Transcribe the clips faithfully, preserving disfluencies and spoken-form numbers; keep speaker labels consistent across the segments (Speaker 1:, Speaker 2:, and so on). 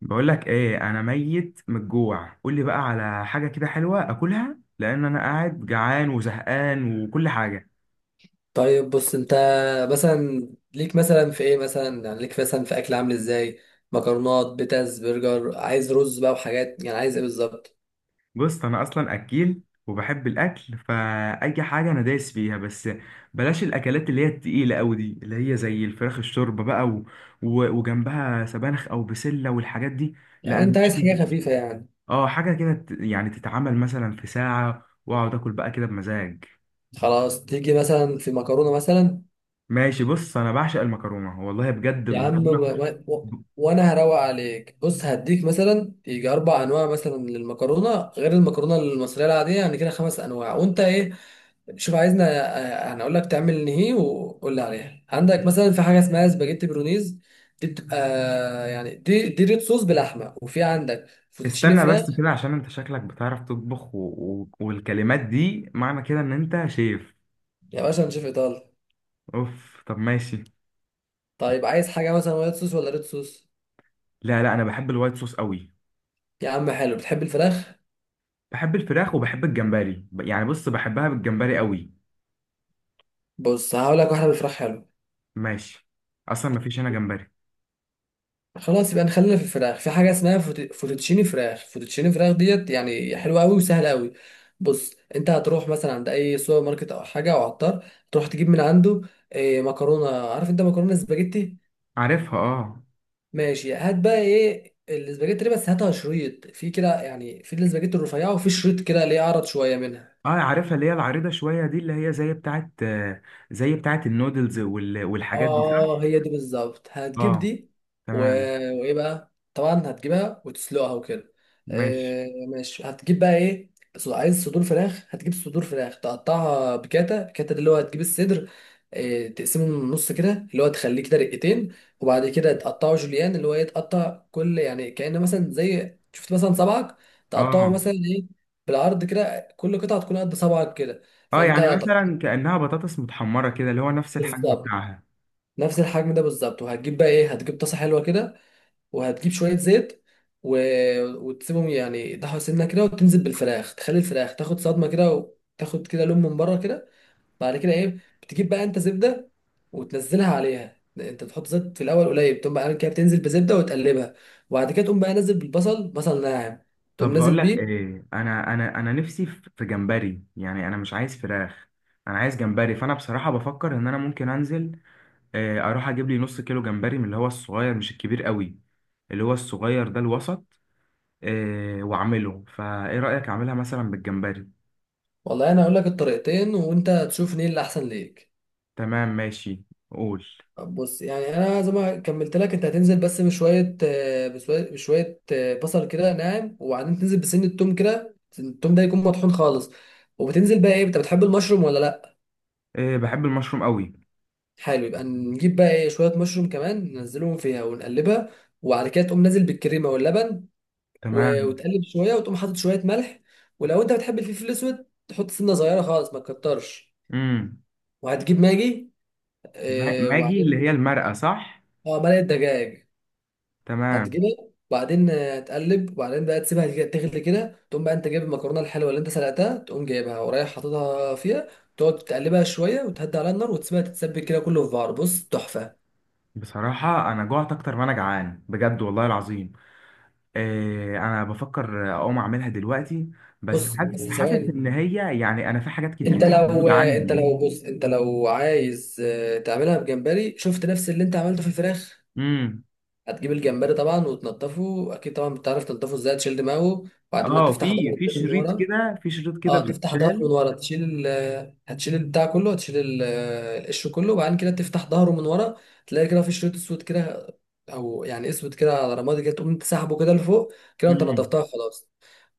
Speaker 1: بقول لك ايه، انا ميت من الجوع. قول لي بقى على حاجه كده حلوه اكلها، لان انا قاعد جعان وزهقان وكل حاجه.
Speaker 2: طيب، بص انت. مثلا ليك مثلا في ايه مثلا يعني ليك مثلا في اكل، عامل ازاي؟ مكرونات، بيتز، برجر، عايز رز بقى وحاجات، يعني عايز ايه بالظبط؟
Speaker 1: بص، انا اصلا اكيل وبحب الاكل، فاي حاجه انا دايس فيها، بس بلاش الاكلات اللي هي التقيله قوي دي، اللي هي زي الفراخ الشوربه بقى و... و... وجنبها سبانخ او بسله والحاجات دي. لا
Speaker 2: يعني
Speaker 1: انا
Speaker 2: انت
Speaker 1: مش،
Speaker 2: عايز حاجه خفيفه يعني؟
Speaker 1: اه حاجه كده ت- يعني تتعمل مثلا في ساعه واقعد اكل بقى كده بمزاج.
Speaker 2: خلاص، تيجي مثلا في مكرونه مثلا؟
Speaker 1: ماشي، بص انا بعشق المكرونه، والله بجد
Speaker 2: يا عم، و...
Speaker 1: المكرونه.
Speaker 2: و... وانا هروق عليك. بص، هديك مثلا يجي اربع انواع مثلا للمكرونه، غير المكرونه المصريه العاديه، يعني كده خمس انواع. وانت ايه؟ شوف عايزنا. آه، هنقول لك تعمل ايه، وقول لي عليها. عندك مثلا في حاجه اسمها سباجيتي برونيز، دي بتبقى، يعني دي دي ريد صوص بلحمه، وفي عندك فوتوتشيني
Speaker 1: استنى بس
Speaker 2: فراخ.
Speaker 1: كده، عشان انت شكلك بتعرف تطبخ و... و... والكلمات دي معنى كده ان انت شيف.
Speaker 2: يا باشا، نشوف ايطالي.
Speaker 1: اوف، طب ماشي.
Speaker 2: طيب، عايز حاجه مثلا وايت صوص ولا ريد صوص؟
Speaker 1: لا لا، انا بحب الوايت صوص قوي.
Speaker 2: يا عم حلو، بتحب الفراخ؟
Speaker 1: بحب الفراخ وبحب الجمبري، ب- يعني بص بحبها بالجمبري قوي.
Speaker 2: بص، هقول لك واحده بالفراخ. حلو.
Speaker 1: ماشي. اصلا مفيش هنا جمبري.
Speaker 2: خلاص يبقى نخلينا في الفراخ، في حاجه اسمها فوت- فوتوتشيني فراخ فوتوتشيني فراخ ديت، يعني حلوه قوي وسهله قوي. بص، انت هتروح مثلا عند اي سوبر ماركت او حاجه او عطار، تروح تجيب من عنده. إيه، مكرونه. عارف انت مكرونه سباجيتي؟
Speaker 1: عارفها اه.
Speaker 2: ماشي، هات بقى ايه السباجيتي دي، بس هاتها شريط في كده، يعني في السباجيتي الرفيعه، وفي شريط كده ليه عرض شويه منها.
Speaker 1: اه عارفها، اللي هي العريضة شوية دي، اللي هي زي بتاعت آه، زي بتاعت النودلز وال... والحاجات دي،
Speaker 2: اه،
Speaker 1: صح؟
Speaker 2: هي دي بالظبط. هتجيب
Speaker 1: اه.
Speaker 2: دي. و...
Speaker 1: تمام
Speaker 2: وايه بقى، طبعا هتجيبها وتسلقها وكده.
Speaker 1: ماشي.
Speaker 2: آه ماشي، هتجيب بقى ايه. ص- عايز صدور فراخ، هتجيب صدور فراخ تقطعها بكاتا بكاتا. ده اللي هو هتجيب الصدر. آه، تقسمه من النص كده، اللي هو تخليه كده رقتين. وبعد كده تقطعه جوليان، اللي هو ايه، تقطع كل يعني كأنه مثلا زي، شفت مثلا صبعك، تقطعه
Speaker 1: اه.
Speaker 2: مثلا ايه، بالعرض كده، كل قطعة تكون قد صبعك كده.
Speaker 1: اه
Speaker 2: فانت
Speaker 1: يعني
Speaker 2: تقطعه.
Speaker 1: مثلا كأنها بطاطس متحمرة كده، اللي هو نفس الحجم
Speaker 2: بالظبط
Speaker 1: بتاعها.
Speaker 2: نفس الحجم ده بالظبط. وهتجيب بقى ايه، هتجيب طاسه حلوه كده، وهتجيب شويه زيت، و... وتسيبهم يعني يضحوا سنه كده، وتنزل بالفراخ، تخلي الفراخ تاخد صدمه كده، وتاخد كده لون من بره كده. بعد كده ايه، بتجيب بقى انت زبده وتنزلها عليها. انت تحط زيت في الاول قليل، تقوم بقى عامل كده، بتنزل بزبده وتقلبها. وبعد كده تقوم بقى نازل بالبصل، بصل ناعم، تقوم
Speaker 1: طب بقول
Speaker 2: نازل
Speaker 1: لك
Speaker 2: بيه.
Speaker 1: ايه، انا انا انا نفسي في في جمبري، يعني انا مش عايز فراخ، انا عايز جمبري. فانا بصراحه بفكر ان انا ممكن انزل، آه، اروح اجيب لي نص كيلو جمبري من اللي هو الصغير، مش الكبير قوي، اللي هو الصغير ده الوسط. آه، واعمله، فايه رايك اعملها مثلا بالجمبري.
Speaker 2: والله انا هقول لك الطريقتين، وانت تشوف ايه اللي احسن ليك.
Speaker 1: تمام ماشي، قول.
Speaker 2: طب بص، يعني انا زي ما كملت لك، انت هتنزل بس بشويه آه، بشويه بشوية، آه، بصل كده ناعم. وبعدين تنزل بسن التوم كده، التوم ده يكون مطحون خالص. وبتنزل بقى ايه، انت بتحب المشروم ولا لا؟
Speaker 1: آه، بحب المشروم قوي.
Speaker 2: حلو، يبقى نجيب بقى ايه شويه مشروم كمان، ننزلهم فيها ونقلبها. وبعد كده تقوم نازل بالكريمه واللبن، و-
Speaker 1: تمام.
Speaker 2: وتقلب شويه، وتقوم حاطط شويه ملح. ولو انت بتحب الفلفل الاسود، تحط سنه صغيره خالص، ما تكترش.
Speaker 1: امم
Speaker 2: وهتجيب ماجي، آه،
Speaker 1: ماجي اللي
Speaker 2: وبعدين.
Speaker 1: هي المرقه، صح؟
Speaker 2: اه، مرقه دجاج.
Speaker 1: تمام.
Speaker 2: هتجيبها، وبعدين آه، هتقلب. وبعدين بقى تسيبها كده- تغلي كده. تقوم بقى انت جايب المكرونه الحلوه اللي انت سلقتها، تقوم جايبها ورايح حاططها فيها، تقعد تقلبها شويه، وتهدي على النار، وتسيبها تتسبك كده كله في بعض. بص، تحفه.
Speaker 1: بصراحه انا جوعت اكتر ما انا جعان بجد، والله العظيم. آه، انا بفكر اقوم اعملها دلوقتي، بس
Speaker 2: بص
Speaker 1: حاسس
Speaker 2: بس
Speaker 1: حاسس ان
Speaker 2: ثواني،
Speaker 1: هي يعني انا في حاجات كتير مش
Speaker 2: انت لو
Speaker 1: موجوده
Speaker 2: آه، انت
Speaker 1: عندي.
Speaker 2: لو بص انت لو عايز آه، تعملها بجمبري، شفت نفس اللي انت عملته في الفراخ.
Speaker 1: امم.
Speaker 2: هتجيب الجمبري طبعا وتنضفه اكيد. طبعا بتعرف تنضفه ازاي، تشيل دماغه وبعدين
Speaker 1: اه
Speaker 2: تفتح
Speaker 1: في
Speaker 2: ظهره
Speaker 1: في
Speaker 2: من
Speaker 1: شريط
Speaker 2: ورا.
Speaker 1: كده، في شريط كده
Speaker 2: اه، تفتح ظهره
Speaker 1: بيتشال.
Speaker 2: من ورا، تشيل ال هتشيل البتاع كله، هتشيل ال- القشر كله. وبعدين كده تفتح ظهره من ورا، تلاقي كده في شريط اسود كده، او يعني اسود كده على رمادي كده، تقوم تسحبه كده لفوق كده. انت
Speaker 1: امم.
Speaker 2: نضفتها خلاص.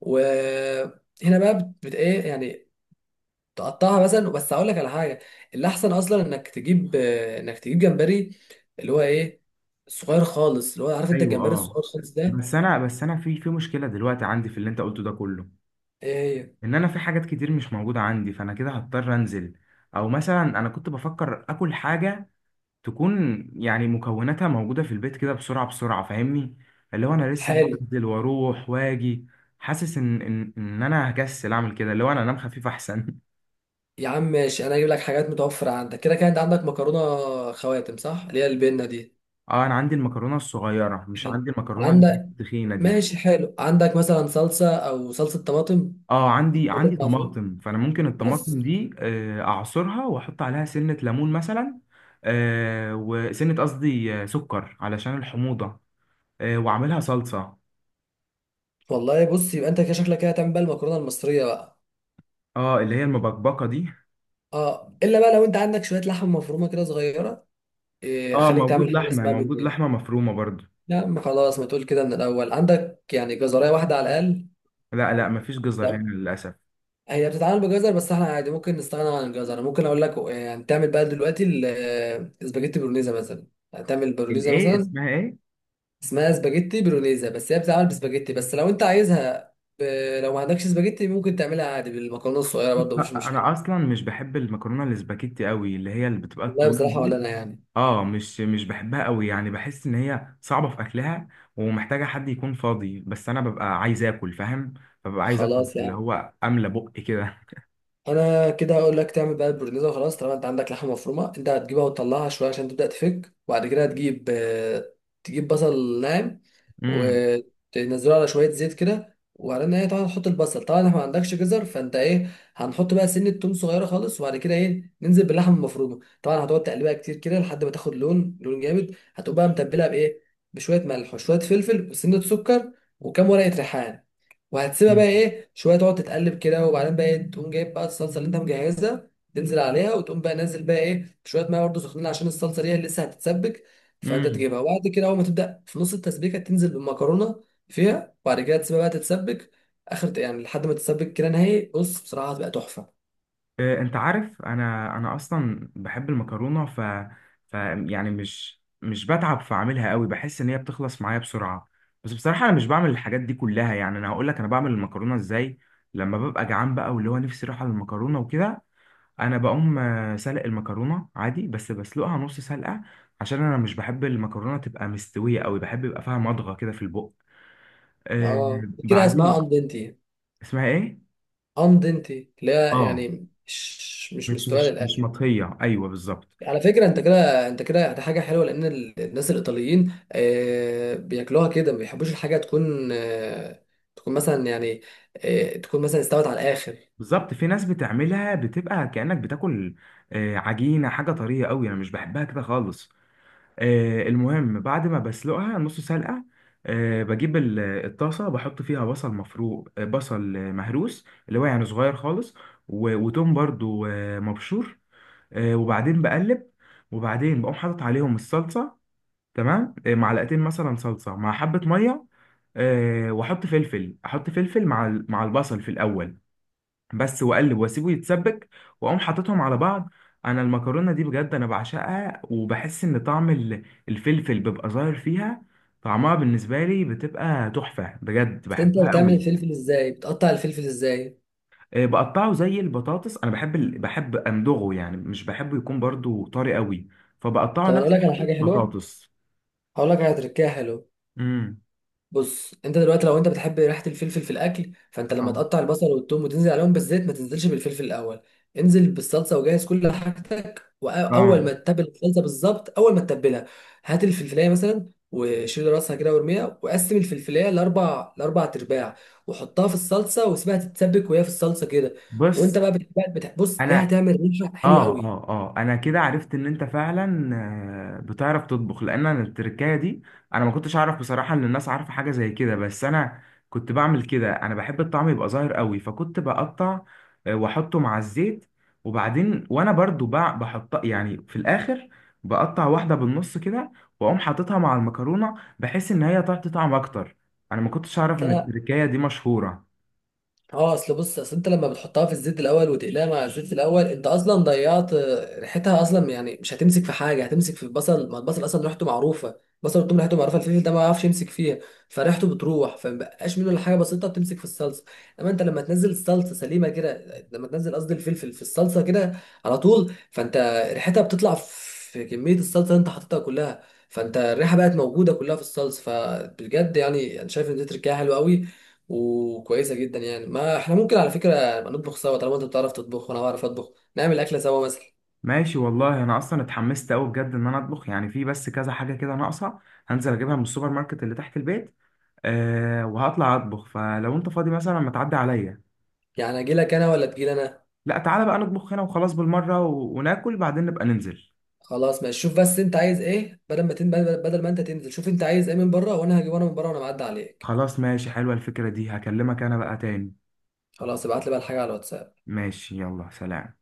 Speaker 2: وهنا بقى بت بت- ايه يعني، تقطعها مثلا. بس هقول لك على حاجه، اللي احسن اصلا انك تجيب آه، انك تجيب جمبري، اللي هو ايه، صغير خالص، اللي هو عارف انت
Speaker 1: ايوه
Speaker 2: الجمبري
Speaker 1: اه.
Speaker 2: الصغير خالص ده.
Speaker 1: بس انا بس انا في في مشكله دلوقتي عندي في اللي انت قلته ده كله،
Speaker 2: ايه هي؟
Speaker 1: ان انا في حاجات كتير مش موجوده عندي، فانا كده هضطر انزل. او مثلا انا كنت بفكر اكل حاجه تكون يعني مكوناتها موجودة في البيت كده بسرعة بسرعة، فاهمني؟ اللي هو أنا لسه
Speaker 2: حالي.
Speaker 1: هنزل وأروح وأجي. حاسس إن إن إن أنا هكسل أعمل كده، اللي هو أنا أنام خفيف أحسن.
Speaker 2: يا عم ماشي، انا هجيب لك حاجات متوفره عندك كده كده. انت عندك مكرونه خواتم، صح؟ اللي هي البنه دي.
Speaker 1: أه أنا عندي المكرونة الصغيرة، مش
Speaker 2: حلو.
Speaker 1: عندي المكرونة اللي هي
Speaker 2: عندك؟
Speaker 1: التخينة دي.
Speaker 2: ماشي حلو. عندك مثلا صلصه او صلصه طماطم؟
Speaker 1: أه عندي
Speaker 2: طماطم
Speaker 1: عندي
Speaker 2: معصوب
Speaker 1: طماطم، فأنا ممكن
Speaker 2: بس.
Speaker 1: الطماطم دي آه، أعصرها وأحط عليها سنة ليمون مثلا، آه، وسنة قصدي آه، سكر علشان الحموضة، آه، وأعملها صلصة.
Speaker 2: والله بص، يبقى انت كده شكلك كده هتعمل بقى المكرونه المصريه بقى.
Speaker 1: أه اللي هي المبكبكة دي.
Speaker 2: اه، الا بقى لو انت عندك شويه لحمه مفرومه كده صغيره، إيه،
Speaker 1: اه
Speaker 2: خليك
Speaker 1: موجود
Speaker 2: تعمل حاجه
Speaker 1: لحمة،
Speaker 2: اسمها
Speaker 1: موجود
Speaker 2: بالبيت.
Speaker 1: لحمة مفرومة برضو.
Speaker 2: لا ما خلاص، ما تقول كده من الاول. عندك يعني جزرية واحده على الاقل؟
Speaker 1: لا لا، مفيش جزر هنا
Speaker 2: لا.
Speaker 1: للأسف.
Speaker 2: هي بتتعمل بجزر، بس احنا عادي ممكن نستغنى عن الجزر. ممكن اقول لك يعني تعمل بقى دلوقتي الاسباجيتي برونيزا مثلا. هتعمل برونيزا
Speaker 1: الإيه،
Speaker 2: مثلا.
Speaker 1: اسمها إيه؟
Speaker 2: اسمها اسباجيتي برونيزا، بس هي بتتعمل بسباجيتي. بس لو انت عايزها ب... لو ما عندكش اسباجيتي، ممكن تعملها عادي بالمكرونه الصغيره
Speaker 1: بص،
Speaker 2: برضه، مفيش مشكله.
Speaker 1: أنا أصلا مش بحب المكرونة الاسباجيتي قوي، اللي هي اللي بتبقى
Speaker 2: والله
Speaker 1: الطويلة
Speaker 2: بصراحه ولا
Speaker 1: دي.
Speaker 2: انا يعني.
Speaker 1: اه مش مش بحبها قوي، يعني بحس إن هي صعبة في أكلها، ومحتاجة حد يكون فاضي، بس أنا ببقى عايز آكل، فاهم؟ ببقى عايز آكل
Speaker 2: خلاص
Speaker 1: اللي
Speaker 2: يا،
Speaker 1: هو أملى بقي كده.
Speaker 2: انا كده هقول لك تعمل بقى البرنيزه وخلاص. طالما انت عندك لحمه مفرومه، انت هتجيبها وتطلعها شويه عشان تبدا تفك. وبعد كده هتجيب آه، تجيب بصل ناعم،
Speaker 1: امم.
Speaker 2: وتنزله على شويه زيت كده. وبعدين ايه، طبعا تحط البصل. طبعا احنا ما عندكش جزر، فانت ايه، هنحط بقى سنه توم صغيره خالص. وبعد كده ايه، ننزل باللحمه المفرومه. طبعا هتقعد تقلبها كتير كده لحد ما تاخد لون لون جامد. هتقوم بقى متبلها بايه، بشويه ملح وشويه فلفل وسنه سكر وكام ورقه ريحان. وهتسيبها بقى ايه شويه تقعد تتقلب كده. وبعدين بقى إيه، تقوم جايب بقى الصلصه اللي انت مجهزها، تنزل عليها. وتقوم بقى نازل بقى ايه، بشويه ميه برضه سخنين، عشان الصلصه دي لسه هتتسبك. فانت
Speaker 1: امم.
Speaker 2: تجيبها، وبعد كده اول ما تبدا في نص التسبيكه، تنزل بالمكرونه فيها. وبعد كده تسيبها بقى تتسبك اخر، يعني لحد ما تتسبك كده نهائي. بص بصراحه هتبقى تحفه.
Speaker 1: آه، انت عارف، انا انا اصلا بحب المكرونه، ف, ف يعني مش مش بتعب في اعملها قوي، بحس ان هي بتخلص معايا بسرعه. بس بصراحه انا مش بعمل الحاجات دي كلها. يعني انا هقول لك انا بعمل المكرونه ازاي لما ببقى جعان بقى واللي هو نفسي رايحه للمكرونه وكده. انا بقوم آه، سلق المكرونه عادي، بس بسلقها نص سلقه، عشان انا مش بحب المكرونه تبقى مستويه قوي، بحب يبقى فيها مضغه كده في البق. آه،
Speaker 2: اه، كده اسمها
Speaker 1: بعدين.
Speaker 2: اندنتي.
Speaker 1: اسمها ايه؟
Speaker 2: اندنتي اللي هي
Speaker 1: اه
Speaker 2: يعني مش مش
Speaker 1: مش
Speaker 2: مستويه
Speaker 1: مش مش
Speaker 2: للاخر.
Speaker 1: مطهيه، ايوه بالظبط.
Speaker 2: على فكرة، انت كده، انت كده ده حاجة حلوة، لان ال- الناس الايطاليين آه، بياكلوها كده. ما بيحبوش الحاجة تكون آه، تكون مثلا يعني، آه، تكون مثلا استوت على الاخر.
Speaker 1: بالظبط، في ناس بتعملها بتبقى كأنك بتاكل آه، عجينة، حاجة طرية قوي، انا مش بحبها كده خالص. آه، المهم بعد ما بسلقها نص سلقة، آه، بجيب ال- الطاسة، بحط فيها بصل مفروم، آه، بصل آه، مهروس، اللي هو يعني صغير خالص، و- وتوم برضو آه، مبشور، آه، وبعدين بقلب، وبعدين بقوم حاطط عليهم الصلصة. تمام، آه، معلقتين مثلا صلصة مع حبة مية، آه، واحط فلفل، احط فلفل مع ال- مع البصل في الاول بس، واقلب واسيبه يتسبك، واقوم حاططهم على بعض. انا المكرونه دي بجد انا بعشقها، وبحس ان طعم ال- الفلفل بيبقى ظاهر فيها. طعمها بالنسبه لي بتبقى تحفه بجد،
Speaker 2: بس انت
Speaker 1: بحبها
Speaker 2: بتعمل
Speaker 1: قوي.
Speaker 2: الفلفل ازاي؟ بتقطع الفلفل ازاي؟
Speaker 1: آه، بقطعه زي البطاطس، انا بحب ال... بحب امضغه يعني، مش بحبه يكون برضو طري قوي، فبقطعه
Speaker 2: طب انا اقول
Speaker 1: نفس
Speaker 2: لك على حاجة حلوة،
Speaker 1: البطاطس.
Speaker 2: هقول لك على تركية حلوة.
Speaker 1: امم.
Speaker 2: بص، انت دلوقتي لو انت بتحب ريحه الفلفل في الاكل، فانت لما
Speaker 1: اه
Speaker 2: تقطع البصل والثوم وتنزل عليهم بالزيت، ما تنزلش بالفلفل الاول. انزل بالصلصه وجهز كل حاجتك. واول
Speaker 1: اه.
Speaker 2: ما تتبل الصلصه بالظبط، اول ما تتبلها، هات الفلفلايه مثلا وشيل راسها كده وارميها، وقسم الفلفلايه لاربع لاربع ارباع، وحطها في الصلصه، وسيبها تتسبك وهي في الصلصه كده. وانت
Speaker 1: بص
Speaker 2: بقى بتحب، بتح- بص، ده
Speaker 1: انا،
Speaker 2: هتعمل ريحه حلوه
Speaker 1: اه
Speaker 2: قوي.
Speaker 1: اه اه انا كده عرفت ان انت فعلا آه، بتعرف تطبخ، لان انا التركايه دي انا ما كنتش اعرف بصراحه ان الناس عارفه حاجه زي كده، بس انا كنت بعمل كده. انا بحب الطعم يبقى ظاهر قوي، فكنت بقطع آه، واحطه مع الزيت، وبعدين وانا برضو بع- بحط يعني في الاخر، بقطع واحده بالنص كده، واقوم حاططها مع المكرونه، بحيث ان هي تعطي طعم اكتر. انا ما كنتش اعرف ان التركايه دي مشهوره.
Speaker 2: اه، اصل بص، اصل انت لما بتحطها في الزيت الاول وتقليها مع الزيت الاول، انت اصلا ضيعت آه، ريحتها اصلا، يعني مش هتمسك في حاجه، هتمسك في البصل، ما البصل اصلا ريحته معروفه. البصل والثوم ريحته معروفه، الفلفل ده ما يعرفش يمسك فيها. فريحته بتروح، فمبقاش منه الا حاجه بسيطه بتمسك في الصلصه. انما انت لما تنزل الصلصه سليمه كده، لما تنزل قصدي الفلفل في الصلصه كده على طول، فانت ريحتها بتطلع في كميه الصلصه اللي انت حاططها كلها. فانت الريحه بقت موجوده كلها في الصلصه، فبجد يعني انا شايف ان دي تركيبه حلوه قوي وكويسه جدا. يعني ما احنا ممكن على فكره نبقى نطبخ سوا، طالما انت بتعرف تطبخ وانا بعرف اطبخ، نعمل اكله سوا مثلا.
Speaker 1: ماشي والله، انا اصلا اتحمست قوي بجد ان انا اطبخ، يعني في بس كذا حاجه كده ناقصه هنزل اجيبها من السوبر ماركت اللي تحت البيت. أه وهطلع اطبخ، فلو انت فاضي مثلا ما تعدي عليا.
Speaker 2: يعني اجي لك انا ولا تجي لي انا؟
Speaker 1: لا تعالى بقى نطبخ هنا وخلاص بالمره، و... وناكل بعدين نبقى ننزل.
Speaker 2: خلاص ماشي، شوف بس انت عايز ايه بدل ما تن... بدل ما انت تنزل، شوف انت عايز ايه من بره، وانا هجيب انا من بره وانا معدي عليك.
Speaker 1: خلاص ماشي، حلوه الفكره دي، هكلمك انا بقى تاني.
Speaker 2: خلاص ابعت لي بقى الحاجه على الواتساب.
Speaker 1: ماشي يلا، سلام.